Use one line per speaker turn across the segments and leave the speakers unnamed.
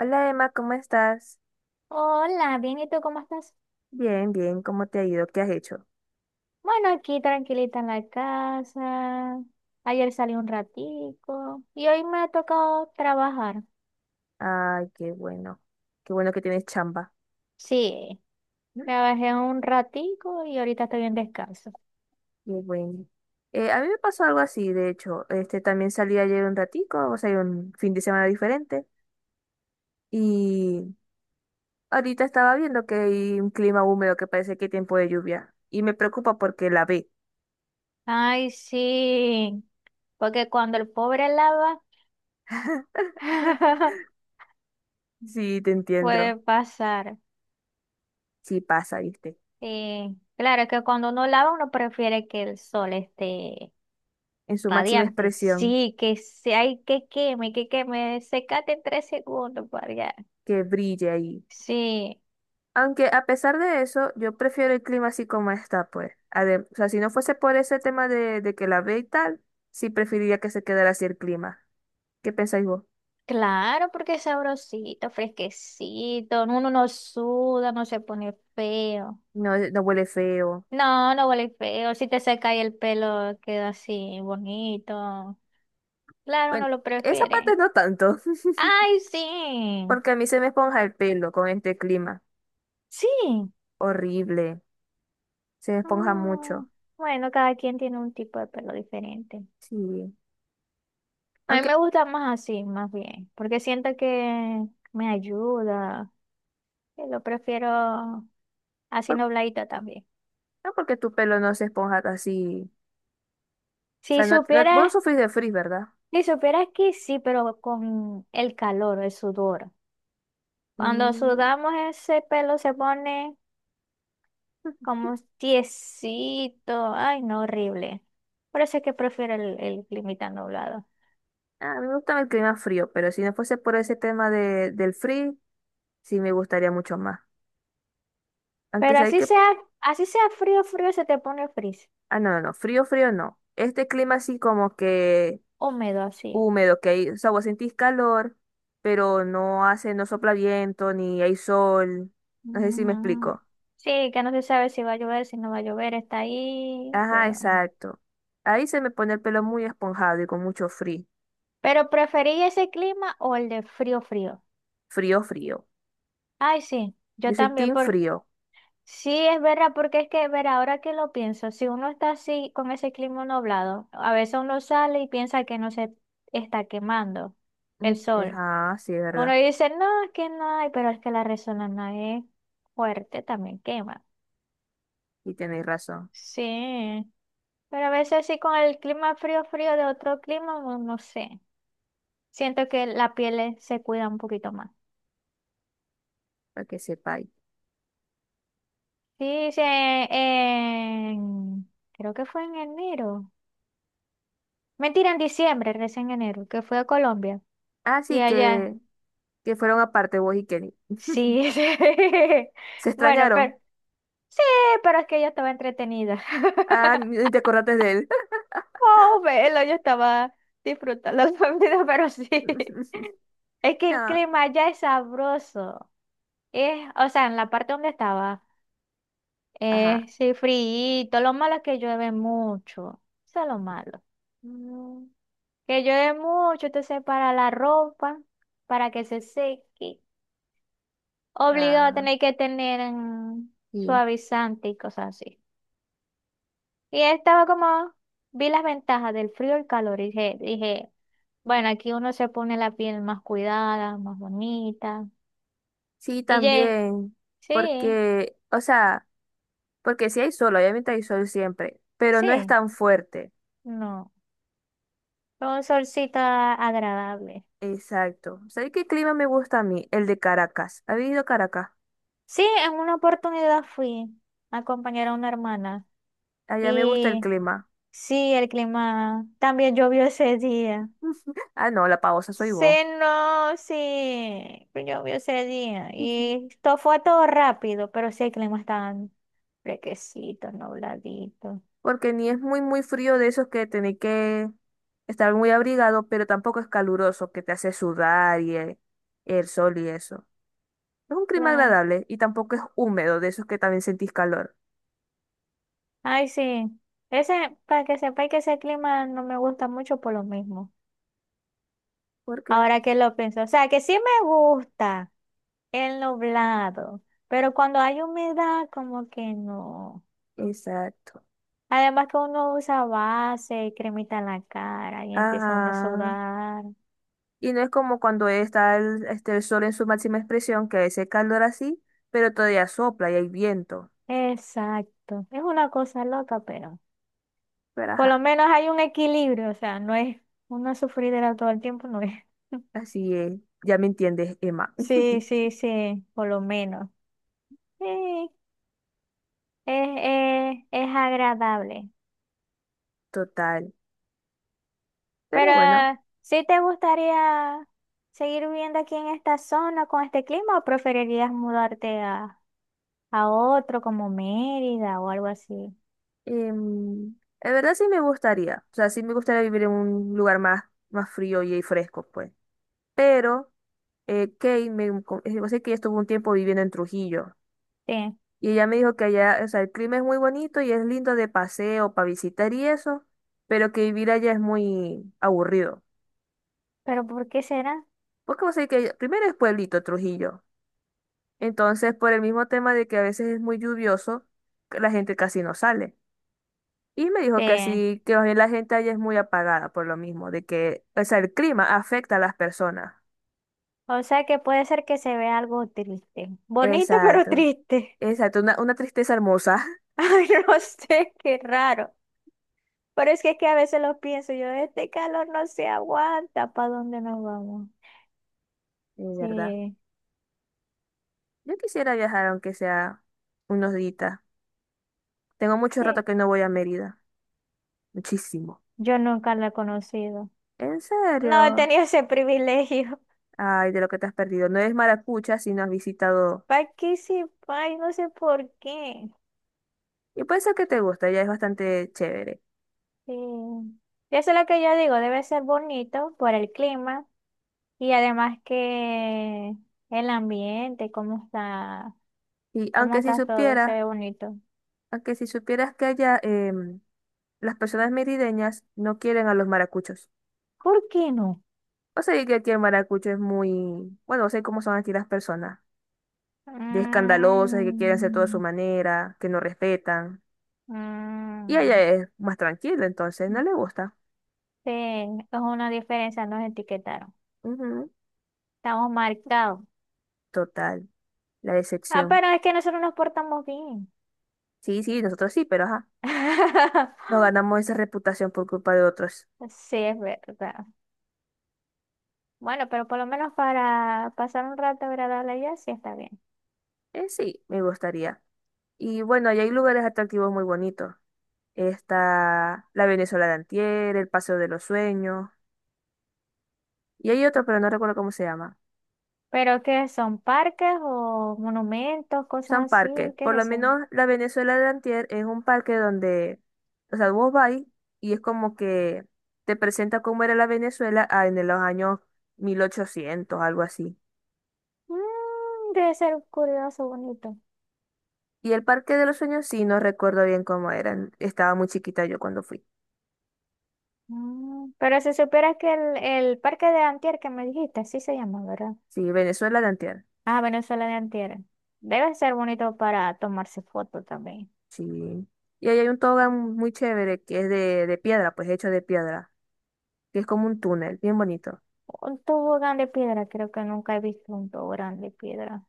Hola Emma, ¿cómo estás?
Hola, bien, ¿y tú cómo estás?
Bien, bien, ¿cómo te ha ido? ¿Qué has hecho?
Bueno, aquí tranquilita en la casa. Ayer salí un ratico y hoy me ha tocado trabajar.
Ay, qué bueno que tienes chamba.
Sí,
¿Mm?
trabajé un ratico y ahorita estoy en descanso.
Qué bueno. A mí me pasó algo así, de hecho, este también salí ayer un ratico, o sea, un fin de semana diferente, y ahorita estaba viendo que hay un clima húmedo que parece que hay tiempo de lluvia, y me preocupa porque la ve.
Ay, sí, porque cuando el pobre lava,
Sí, te entiendo,
puede pasar.
sí pasa, viste,
Sí, claro que cuando uno lava uno prefiere que el sol esté
en su máxima
radiante.
expresión,
Sí, ay, que queme, secate en tres segundos para allá.
que brille ahí.
Sí,
Aunque a pesar de eso, yo prefiero el clima así como está, pues. Adem- o sea, si no fuese por ese tema de que la ve y tal, sí preferiría que se quedara así el clima. ¿Qué pensáis vos?
claro, porque es sabrosito, fresquecito, uno no suda, no se pone feo.
No, no huele feo.
No, no huele feo, si te seca y el pelo queda así bonito. Claro,
Bueno,
no lo
esa
prefiere.
parte no tanto,
Ay, sí,
porque a mí se me esponja el pelo con este clima.
sí.
Horrible. Se me esponja
Mm,
mucho.
bueno, cada quien tiene un tipo de pelo diferente.
Sí.
A mí
Aunque,
me gusta más así, más bien, porque siento que me ayuda. Que Lo prefiero así
por-
nubladito también.
no porque tu pelo no se esponja así. O
Si
sea, no, no, vos no
supieras,
sufrís de frizz, ¿verdad?
si supieras que sí, pero con el calor, el sudor. Cuando
Mm.
sudamos ese pelo se pone como tiesito. Ay, no, horrible. Por eso es que prefiero el clima tan nublado.
A mí me gusta el clima frío, pero si no fuese por ese tema de, del frío, sí, me gustaría mucho más. Aunque
Pero
sabéis que.
así sea frío, frío, se te pone frizz.
Ah, no, no, no. Frío, frío, no. Este clima así como que
Húmedo así.
húmedo, que hay. O sea, vos sentís calor, pero no hace, no sopla viento, ni hay sol. No sé si me
Mm.
explico.
Sí, que no se sabe si va a llover, si no va a llover, está ahí,
Ajá,
pero.
exacto. Ahí se me pone el pelo muy esponjado y con mucho frío.
Pero preferí ese clima o el de frío, frío.
Frío, frío.
Ay, sí,
Yo
yo
soy
también,
team
por
frío.
sí, es verdad, porque es que, ver, ahora que lo pienso, si uno está así con ese clima nublado, a veces uno sale y piensa que no se está quemando el
Mm,
sol.
ajá, sí, es
Uno
verdad.
dice, no, es que no hay, pero es que la resonancia es fuerte, también quema.
Y tenéis razón,
Sí, pero a veces sí con el clima frío, frío de otro clima, no, no sé. Siento que la piel se cuida un poquito más.
para que sepáis.
Sí, sí, creo que fue en enero. Mentira, en diciembre, recién en enero, que fui a Colombia. Y
Así
allá,
que fueron aparte vos y Kenny.
sí, sí.
¿Se
Bueno, pero
extrañaron?
sí, pero es que yo estaba entretenida.
Ah, ni te acordaste de él.
Oh, velo, yo estaba disfrutando la vida, pero sí. Es que el
No,
clima allá es sabroso. Es, o sea, en la parte donde estaba,
ajá.
es sí, frío. Lo malo es que llueve mucho. Eso es lo malo.
Mm,
Que llueve mucho, entonces para la ropa, para que se seque. Obligado a
ah,
tener que tener
sí.
suavizante y cosas así. Y estaba como, vi las ventajas del frío y el calor y dije, bueno, aquí uno se pone la piel más cuidada, más bonita.
Sí,
Y ye,
también,
sí,
porque, o sea, porque sí hay sol, obviamente hay sol siempre, pero no es
sí,
tan fuerte.
no, fue un solcito agradable.
Exacto. ¿Sabes qué clima me gusta a mí? El de Caracas. ¿Has ido a Caracas?
Sí, en una oportunidad fui a acompañar a una hermana
Allá me gusta el
y
clima.
sí, el clima también llovió ese día.
Ah, no, la pausa soy
Sí,
vos.
no, sí, pero llovió ese día y esto fue todo rápido, pero sí el clima estaba fresquecito, nubladito.
Porque ni es muy, muy frío de esos que tenés que estar muy abrigado, pero tampoco es caluroso, que te hace sudar y el sol y eso. Es un clima
Claro,
agradable y tampoco es húmedo, de esos que también sentís calor.
ay, sí, ese, para que sepáis que ese clima no me gusta mucho por lo mismo,
¿Por qué?
ahora que lo pienso, o sea, que sí me gusta el nublado, pero cuando hay humedad como que no.
Exacto.
Además que uno usa base y cremita en la cara y empieza uno a
Ajá.
sudar.
Y no es como cuando está el, este, el sol en su máxima expresión, que ese calor así, pero todavía sopla y hay viento.
Exacto. Es una cosa loca, pero
Pero
por lo
ajá,
menos hay un equilibrio, o sea, no es una sufridera todo el tiempo, no es.
así es. Ya me entiendes, Emma.
Sí, sí, sí, por lo menos. Sí, es, es agradable.
Total. Pero
Pero,
bueno,
¿sí te gustaría seguir viviendo aquí en esta zona con este clima o preferirías mudarte a otro como Mérida o algo así?
en verdad sí me gustaría. O sea, sí me gustaría vivir en un lugar más, más frío y fresco, pues. Pero Kate, me, co- yo sé que ella estuvo un tiempo viviendo en Trujillo.
Sí,
Y ella me dijo que allá, o sea, el clima es muy bonito y es lindo de paseo, para visitar y eso, pero que vivir allá es muy aburrido.
pero ¿por qué será?
Porque vos sabés que primero es pueblito Trujillo. Entonces, por el mismo tema de que a veces es muy lluvioso, que la gente casi no sale. Y me dijo que
Sí.
así, que más bien la gente allá es muy apagada por lo mismo, de que, o sea, el clima afecta a las personas.
O sea que puede ser que se vea algo triste. Bonito, pero
Exacto,
triste.
exacto, una tristeza hermosa,
Ay, no sé, qué raro. Pero es que a veces lo pienso, yo, este calor no se aguanta, ¿para dónde nos vamos?
de verdad.
Sí,
Yo quisiera viajar aunque sea unos días. Tengo mucho rato
sí.
que no voy a Mérida. Muchísimo.
Yo nunca lo he conocido.
¿En
No he
serio?
tenido ese privilegio.
Ay, de lo que te has perdido. No es maracucha si no has visitado.
¿Para qué sí? Ay, no sé por qué.
Y puede ser que te guste, ya es bastante chévere.
Sí. Y eso es lo que yo digo, debe ser bonito por el clima y además que el ambiente, cómo está.
Y
¿Cómo está todo? Se ve bonito.
aunque si supieras que allá las personas merideñas no quieren a los maracuchos.
¿Por qué no?
O sea, que aquí el maracucho es muy, bueno, no sé cómo son aquí las personas, de escandalosas, que quieren hacer todo a su
Mm,
manera, que no respetan. Y allá
mm,
es más tranquilo, entonces no le gusta.
sí, es una diferencia, nos etiquetaron.
Ujú,
Estamos marcados.
total, la
Ah,
decepción.
pero es que nosotros nos portamos bien.
Sí, sí, nosotros sí, pero ajá. No ganamos esa reputación por culpa de otros.
Sí, es verdad. Bueno, pero por lo menos para pasar un rato agradable allá, sí está bien.
Sí, me gustaría. Y bueno, ahí hay lugares atractivos muy bonitos. Está la Venezuela de Antier, el Paseo de los Sueños. Y hay otro, pero no recuerdo cómo se llama.
¿Pero qué son? ¿Parques o monumentos, cosas
Son
así?
parques.
¿Qué
Por lo
es eso?
menos la Venezuela de Antier es un parque donde, o sea, vos vas y es como que te presenta cómo era la Venezuela en los años 1800, algo así.
Mm, debe ser curioso, bonito.
Y el Parque de los Sueños sí, no recuerdo bien cómo eran. Estaba muy chiquita yo cuando fui.
Pero si supieras que el parque de Antier que me dijiste, sí se llama, ¿verdad?
Sí, Venezuela de Antier.
Ah, Venezuela de Antier. Debe ser bonito para tomarse fotos también.
Sí. Y ahí hay un tobogán muy chévere que es de piedra, pues hecho de piedra, que es como un túnel, bien bonito.
Un tobogán de piedra, creo que nunca he visto un tobogán de piedra.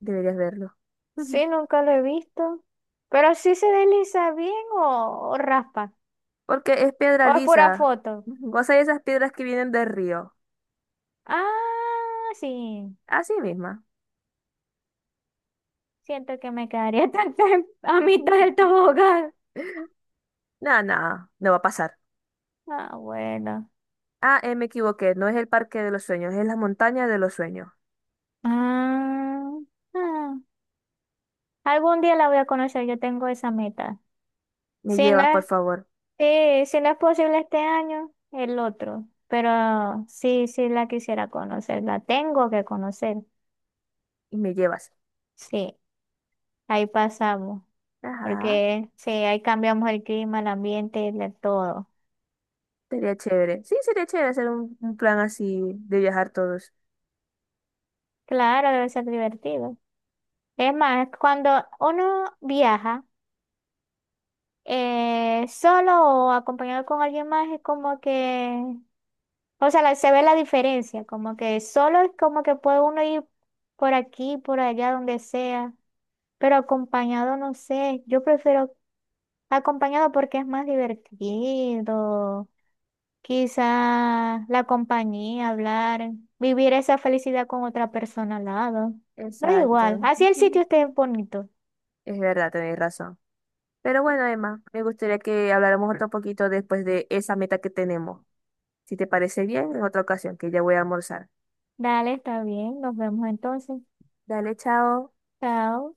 Deberías verlo. Ujú.
Sí, nunca lo he visto. Pero sí se desliza bien o raspa.
Porque es piedra
O es pura
lisa.
foto.
Ujú. O sea, esas piedras que vienen del río.
Ah, sí.
Así misma.
Siento que me quedaría tan tan a mitad del tobogán.
No, no, no va a pasar.
Ah, bueno.
Ah, me equivoqué, no es el parque de los sueños, es la montaña de los sueños.
Ah, ah. Algún día la voy a conocer, yo tengo esa meta.
Me
Si no
llevas, por
es,
favor,
sí, si no es posible este año, el otro. Pero sí, sí la quisiera conocer, la tengo que conocer.
y me llevas.
Sí, ahí pasamos.
Ajá,
Porque sí, ahí cambiamos el clima, el ambiente, de todo.
sería chévere. Sí, sería chévere hacer un plan así de viajar todos.
Claro, debe ser divertido. Es más, cuando uno viaja solo o acompañado con alguien más, es como que o sea, se ve la diferencia, como que solo es como que puede uno ir por aquí, por allá, donde sea, pero acompañado, no sé, yo prefiero acompañado porque es más divertido, quizá la compañía, hablar, vivir esa felicidad con otra persona al lado. No es igual,
Exacto.
así el sitio esté bonito.
Es verdad, tenés razón. Pero bueno, Emma, me gustaría que habláramos otro poquito después de esa meta que tenemos. Si te parece bien, en otra ocasión, que ya voy a almorzar.
Dale, está bien, nos vemos entonces.
Dale, chao.
Chao.